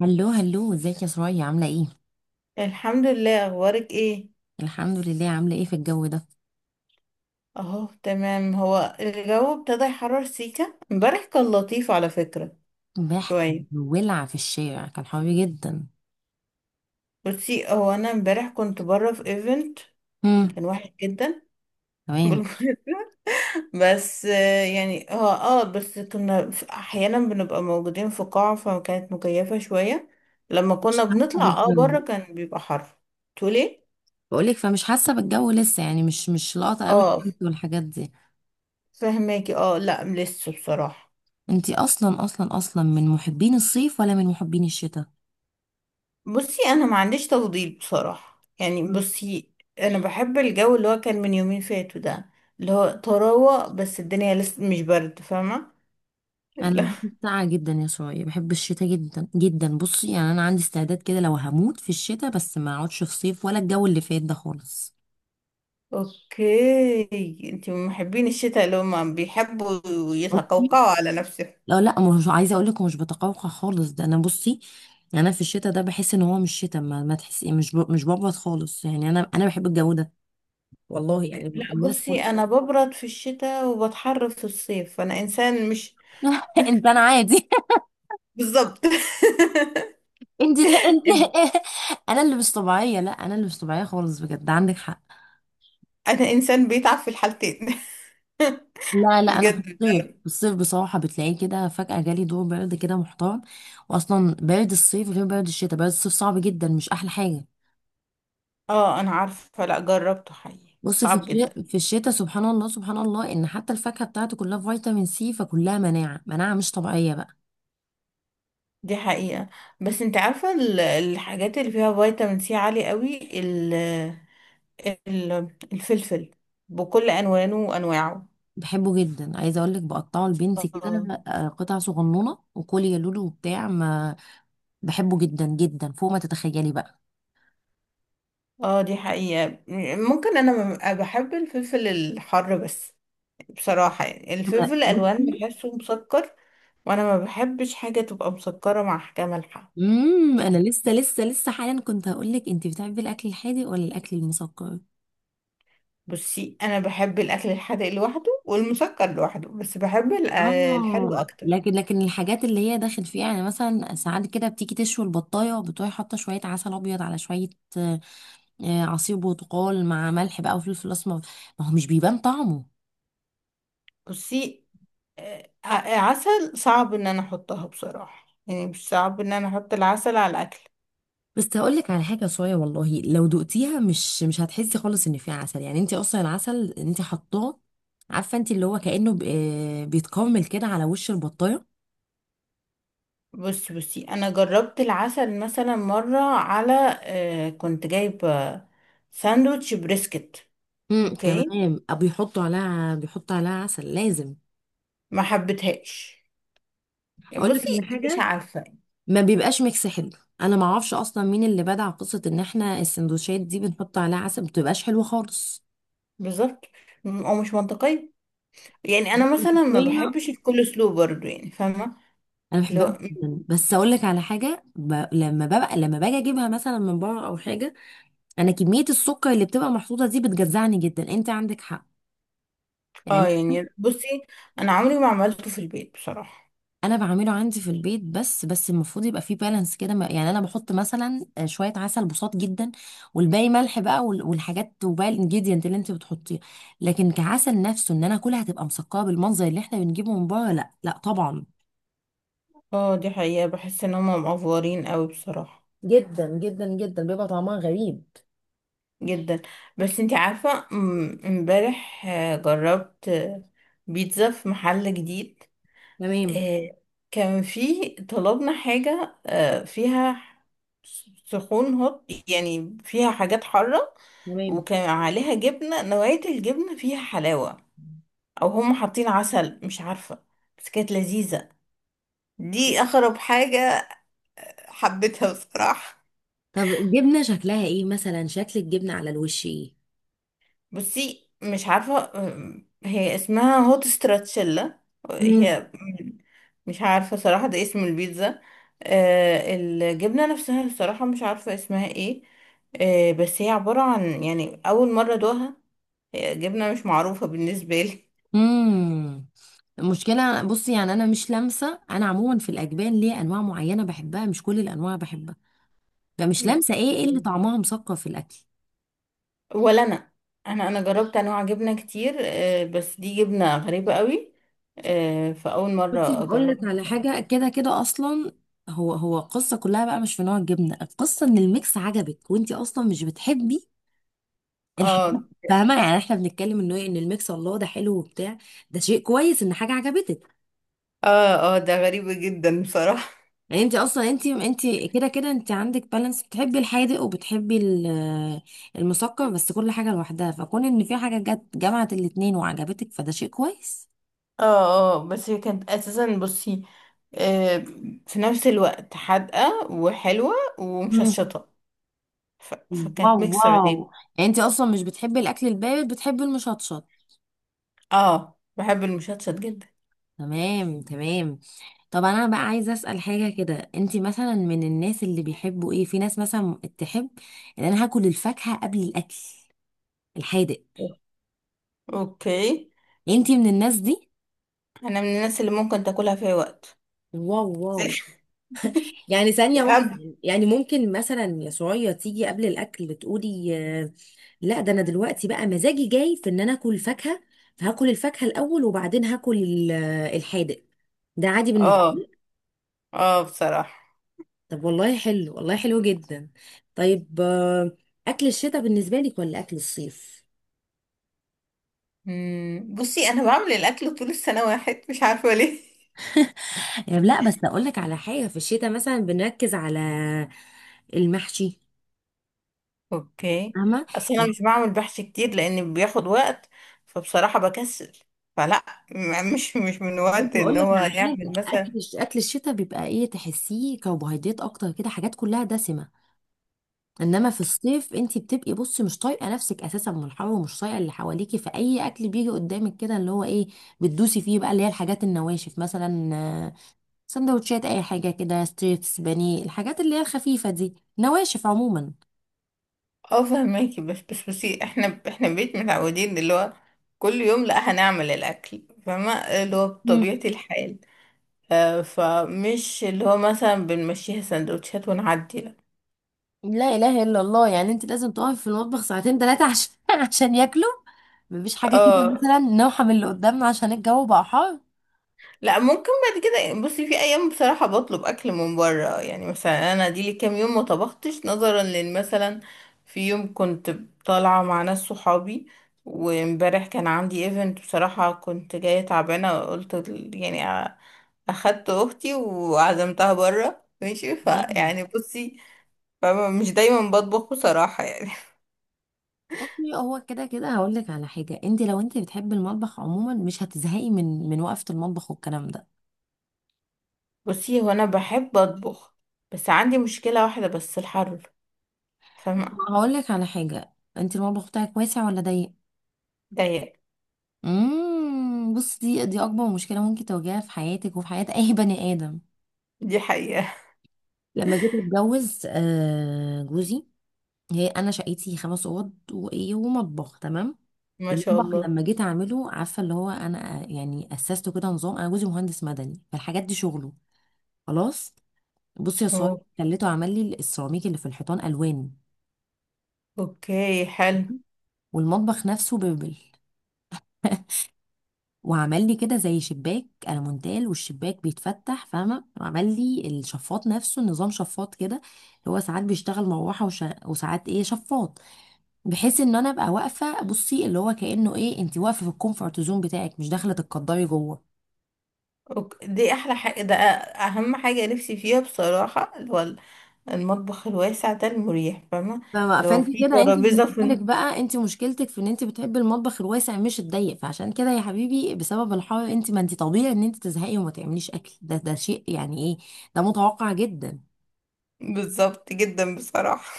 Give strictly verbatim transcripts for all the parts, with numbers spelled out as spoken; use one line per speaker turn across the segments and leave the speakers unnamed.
هلو هلو، ازيك يا سرايا؟ عاملة ايه؟
الحمد لله. اخبارك ايه؟
الحمد لله، عاملة ايه في الجو ده؟
اهو تمام. هو الجو ابتدى يحرر سيكا، امبارح كان لطيف على فكرة.
امبارح كان
شوية.
ولع في الشارع، كان حر جدا.
بصي، هو انا امبارح كنت بره في ايفنت.
هم،
كان واحد جدا
تمام.
بالمناسبة. بس، آه، يعني اه اه بس كنا في- احيانا بنبقى موجودين في قاعة، فكانت مكيفة شوية. لما
مش
كنا
حاسة
بنطلع اه
بالجو.
بره، كان بيبقى حر. تقولي إيه؟
بقولك فمش حاسة بالجو لسه، يعني مش مش لاقطة قوي
اه،
الشمس والحاجات دي.
فهماكي. اه، لا، لسه بصراحة.
انتي اصلا اصلا اصلا من محبين الصيف ولا من محبين الشتاء؟
بصي، انا ما عنديش تفضيل بصراحة. يعني
مم.
بصي، انا بحب الجو اللي هو كان من يومين فاتوا ده، اللي هو طراوة، بس الدنيا لسه مش برد، فاهمة.
انا
لا.
بحب السقعة جدا يا سرايا، بحب الشتاء جدا جدا. بصي يعني انا عندي استعداد كده لو هموت في الشتاء بس ما اقعدش في صيف ولا الجو اللي فات ده خالص.
اوكي، انتي من محبين الشتاء اللي هم بيحبوا يتقوقعوا على نفسهم.
لا لا، مش عايزه اقول لك مش بتقوقع خالص، ده انا بصي انا في الشتاء ده بحس ان هو مش شتاء. ما, ما تحسي مش ب... مش بقبض خالص، يعني انا انا بحب الجو ده. والله يعني
اوكي، لا،
الناس
بصي،
كل
انا ببرد في الشتاء وبتحر في الصيف. انا انسان مش
انت انا عادي
بالظبط.
انت انت. انا اللي مش طبيعيه، لا انا اللي مش طبيعيه خالص بجد، عندك حق.
انا انسان بيتعب في الحالتين.
لا لا، انا في
بجد.
الصيف، في الصيف بصراحه بتلاقيه كده فجاه جالي دور برد كده محترم. واصلا برد الصيف غير برد الشتاء، برد الصيف صعب جدا، مش احلى حاجه.
اه، انا عارفة. لا، جربته حقيقي،
بص، في
صعب جدا.
الشتاء، في الشتاء سبحان الله سبحان الله ان حتى الفاكهه بتاعته كلها فيتامين سي، فكلها مناعه، مناعه مش طبيعيه بقى.
دي حقيقة. بس انت عارفة، ال- الحاجات اللي فيها فيتامين سي عالي قوي، ال ال الفلفل بكل ألوانه وأنواعه.
بحبه جدا، عايزه اقول لك بقطعه لبنتي كده
اه.
آه، قطع صغنونه وكل يا لولو وبتاع ما. بحبه جدا جدا فوق ما تتخيلي بقى.
اه، دي حقيقة. ممكن أنا ببقى بحب الفلفل الحر بس. بصراحة يعني الفلفل
أنا-
الألوان
بصي،
بحسه مسكر، وأنا ما بحبش حاجة تبقى مسكرة مع حاجة مالحة.
امم انا لسه لسه لسه حالا كنت هقول لك، انت بتحبي الاكل الحادق ولا الاكل المسكر؟
بصي، أنا بحب الأكل الحادق لوحده والمسكر لوحده، بس بحب ال- الحلو
اه
أكتر.
لكن لكن الحاجات اللي هي داخل فيها، يعني مثلا ساعات كده بتيجي تشوي البطايه وبتروحي حاطه شويه عسل ابيض على شويه آه، عصير برتقال مع ملح بقى وفلفل اسمر. ما هو مش بيبان طعمه.
بصي، ع- عسل صعب ان انا احطها بصراحة. يعني مش صعب ان انا احط العسل على الاكل.
بس هقول لك على حاجه صويا، والله لو دقتيها مش مش هتحسي خالص ان فيها عسل، يعني انت اصلا العسل انت حطاه. عارفه انت اللي هو كانه ب- آه، بيتكرمل كده على وش البطايه.
بصي بصي، انا جربت العسل مثلا مرة على آه، كنت جايبة ساندوتش بريسكت.
امم
اوكي.
تمام، أو بيحطوا عليها، بيحطوا عليها عسل لازم.
ما حبيتهاش.
اقول لك على
بصي مش
حاجه،
عارفة.
ما بيبقاش ميكس حلو. انا ما اعرفش اصلا مين اللي بدع قصه ان احنا السندوتشات دي بنحط عليها عسل، ما بتبقاش حلوه خالص.
بالظبط. م- او مش منطقية. يعني انا مثلا ما بحبش الكول سلو برضو، يعني فاهمة.
انا بحبها
لو.
جدا، بس اقول لك على حاجه ب... لما ببقى، لما باجي اجيبها مثلا من بره او حاجه، انا كميه السكر اللي بتبقى محطوطه دي بتجزعني جدا، انت عندك حق يعني.
اه، يعني بصي، انا عمري ما عملته في البيت بصراحة.
انا بعمله عندي في البيت، بس بس المفروض يبقى فيه بالانس كده ما- يعني انا بحط مثلا آه، شويه عسل بساط جدا، والباقي ملح بقى وال- والحاجات وباقي الانجيديانت اللي انت بتحطيه. لكن كعسل نفسه ان انا اكلها هتبقى مسكره بالمنظر اللي احنا بنجيبه من بره، لا لا طبعا.
اه، دي حقيقة. بحس ان هم مقفورين قوي بصراحة.
جدا جدا جدا بيبقى طعمها غريب.
جدا. بس انتي عارفة، م- امبارح آه، جربت آه، بيتزا في محل جديد.
تمام
آه، كان فيه طلبنا حاجة آه، فيها سخون هوت، يعني فيها حاجات حارة.
تمام.
وكان عليها جبنة، نوعية الجبنة فيها حلاوة، أو هم حاطين عسل مش عارفة. بس كانت لذيذة. دي أغرب حاجة. حبيتها بصراحة.
طب الجبنة شكلها ايه، مثلا شكل الجبنة على الوش ايه؟
بصي مش عارفة، آه، هي اسمها هوت ستراتشيلا.
مم.
هي، مش عارفة صراحة، ده اسم البيتزا. آه، الجبنة نفسها الصراحة مش عارفة اسمها ايه. آه، بس هي عبارة عن، يعني أول مرة دوها. هي جبنة مش معروفة بالنسبة لي.
مم. المشكلة بصي يعني أنا مش لامسة، أنا عموما في الأجبان ليه أنواع معينة بحبها مش كل الأنواع بحبها، فمش
اوكي.
لامسة إيه إيه اللي طعمها مسكر في الأكل.
ولا أنا. أنا أنا جربت أنواع جبنة كتير، آه، بس دي جبنة غريبة قوي. آه، فأول
بصي
مرة
هقول لك
أجربها
على
بصراحة.
حاجة، كده كده أصلا هو هو القصة كلها بقى مش في نوع الجبنة، القصة إن الميكس عجبك، وأنتي أصلا مش بتحبي الحاجات.
اه،
فاهمة يعني إحنا بنتكلم إنه إيه، إن الميكس الله ده حلو وبتاع، ده شيء كويس إن حاجة عجبتك.
اه، اه، ده غريب جدا بصراحة.
يعني انت اصلا انت انت كده كده انت عندك بالانس، بتحبي الحادق وبتحبي ال- المسكر بس كل حاجه لوحدها، فكون ان في حاجه جت جمعت الاتنين وعجبتك فده شيء كويس.
اه، اه، بس هي كانت اساسا بصي، آه في نفس الوقت حادقة وحلوة
مم.
ومشطشطة. ف...
واو
فكانت ميكس
واو.
غريب.
يعني انت اصلا مش بتحبي الاكل البارد، بتحبي المشطشط.
اه، بحب المشطشط جدا.
تمام تمام. طب انا بقى عايزه اسال حاجه كده، انت مثلا من الناس اللي بيحبوا ايه، في ناس مثلا تحب ان انا هاكل الفاكهه قبل الاكل الحادق،
اوكي.
انت من الناس دي؟
انا من الناس اللي ممكن تاكلها في اي وقت.
واو واو. يعني ثانية واحدة،
أب-
يعني ممكن مثلا يا سعية تيجي قبل الأكل تقولي آه، لا ده أنا دلوقتي بقى مزاجي جاي في إن أنا آكل فاكهة، فهاكل الفاكهة الأول وبعدين هاكل ال- آه، الحادق. ده عادي بالنسبة
اه،
لي.
اه، بصراحة.
طب والله حلو، والله حلو جدا. طيب آه، أكل الشتاء بالنسبة لك ولا أكل الصيف؟
مم، بصي، انا بعمل الاكل طول السنة واحد مش عارفة ليه.
يعني لا بس أقول لك على حاجة، في الشتاء مثلا بنركز على المحشي،
اوكي.
فاهمة.
اصل انا مش بعمل بحث كتير لان بياخد وقت، فبصراحة بكسل. فلا، م- مش مش من
برضه
وقت ان
اقول لك
هو
على حاجه،
يعمل
اكل
مثلا.
الش- اكل الشتاء بيبقى ايه، تحسيه كربوهيدرات اكتر كده، حاجات كلها دسمه. انما في الصيف انت بتبقي بصي مش طايقه نفسك اساسا من الحر، ومش طايقه اللي حواليكي، فاي اكل بيجي قدامك كده اللي هو ايه، بتدوسي فيه بقى، اللي هي الحاجات النواشف مثلا آه، سندوتشات، اي حاجه كده، ستريبس، بانيه، الحاجات اللي هي الخفيفه دي، نواشف عموما.
اه، فهماكي. بس بس بصي، احنا احنا بيت متعودين، اللي هو كل يوم لا هنعمل الاكل، فما اللي هو
مم.
بطبيعة الحال. آه فمش اللي هو مثلا بنمشيها سندوتشات ونعدي، لا.
لا اله الا الله، يعني انت لازم تقفي في المطبخ ساعتين ثلاثه عشان عشان ياكلوا؟ مفيش حاجه كده
اه،
مثلا نوحة من اللي قدامنا عشان الجو بقى حار.
لا، ممكن بعد كده. بصي في ايام بصراحه بطلب اكل من بره. يعني مثلا انا دي لي كام يوم ما طبختش، نظرا لان مثلا في يوم كنت طالعه مع ناس صحابي، وامبارح كان عندي ايفنت، بصراحه كنت جايه تعبانه، قلت ال- يعني أ- اخدت اختي وعزمتها بره ماشي.
تمام.
فيعني بصي، فمش دايما بطبخ بصراحه يعني.
طبيعي، هو كده كده هقول لك على حاجه، انت لو انت بتحبي المطبخ عموما مش هتزهقي من من وقفه المطبخ والكلام ده.
بصي، هو انا بحب اطبخ، بس عندي مشكله واحده بس، الحر، فاهمه.
هقول لك على حاجه، انت المطبخ بتاعك واسع ولا ضيق؟
ضيق.
امم، بص، دي دي اكبر مشكله ممكن تواجهها في حياتك وفي حياه اي بني ادم.
دي حقيقه.
لما جيت اتجوز آه جوزي، هي انا شقتي خمس اوض وايه ومطبخ تمام.
ما شاء
المطبخ
الله.
لما جيت اعمله، عارفه اللي هو انا آه، يعني اسسته كده نظام، انا جوزي مهندس مدني، فالحاجات دي شغله، خلاص. بصي يا صاحبي،
أوه.
خليته عمل لي السيراميك اللي في الحيطان الوان،
اوكي، حلو.
والمطبخ نفسه بيبل. وعمل لي كده زي شباك المونتال، والشباك بيتفتح فاهمه، وعمل لي الشفاط نفسه نظام شفاط كده اللي هو ساعات بيشتغل مروحه وش... وساعات ايه شفاط، بحيث ان انا ابقى واقفه بصي اللي هو كانه ايه انت واقفه في الكومفورت زون بتاعك، مش داخله تتقدري جوه.
أوك- دي احلى حاجة، ده اهم حاجة نفسي فيها بصراحة، اللي هو المطبخ الواسع ده المريح، فاهمة.
فما-
اللي هو
فانت
فيه
كده انت
ترابيزة
بالنسبه
في.
لك بقى انت مشكلتك في ان انت بتحبي المطبخ الواسع مش الضيق، فعشان كده يا حبيبي بسبب الحر، انت ما انت طبيعي ان انت تزهقي وما تعمليش اكل، ده ده شيء يعني ايه، ده متوقع جدا.
بالظبط جدا بصراحة.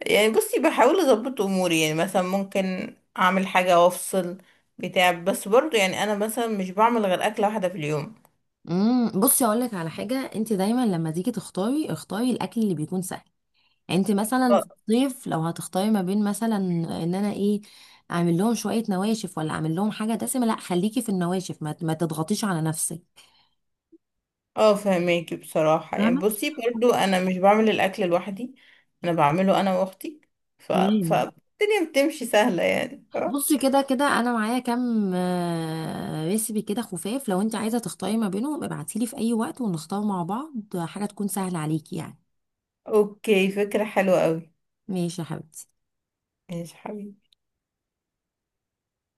يعني بصي بحاول اظبط اموري، يعني مثلا ممكن اعمل حاجة وافصل بتاع، بس برضو يعني انا مثلا مش بعمل غير اكلة واحدة في اليوم.
امم بصي اقول لك على حاجه، انت دايما لما تيجي تختاري اختاري الاكل اللي بيكون سهل. يعني انت مثلا في الصيف لو هتختاري ما بين مثلا ان انا ايه، اعمل لهم شويه نواشف ولا اعمل لهم حاجه دسمه، لا خليكي في النواشف، ما, ما تضغطيش على نفسك.
اه، فهماكي بصراحة. يعني
فاهمه.
بصي، برضو انا مش بعمل الاكل لوحدي، انا بعمله انا واختي. ف...
تمام.
فالدنيا بتمشي سهلة يعني ف...
بصي كده كده انا معايا كام آه، ريسبي كده خفاف، لو انت عايزه تختاري ما بينهم ابعتيلي في اي وقت ونختار مع بعض حاجه تكون سهله عليكي يعني.
اوكي، فكرة حلوة قوي.
ماشي يا حبيبتي.
ماشي حبيبي.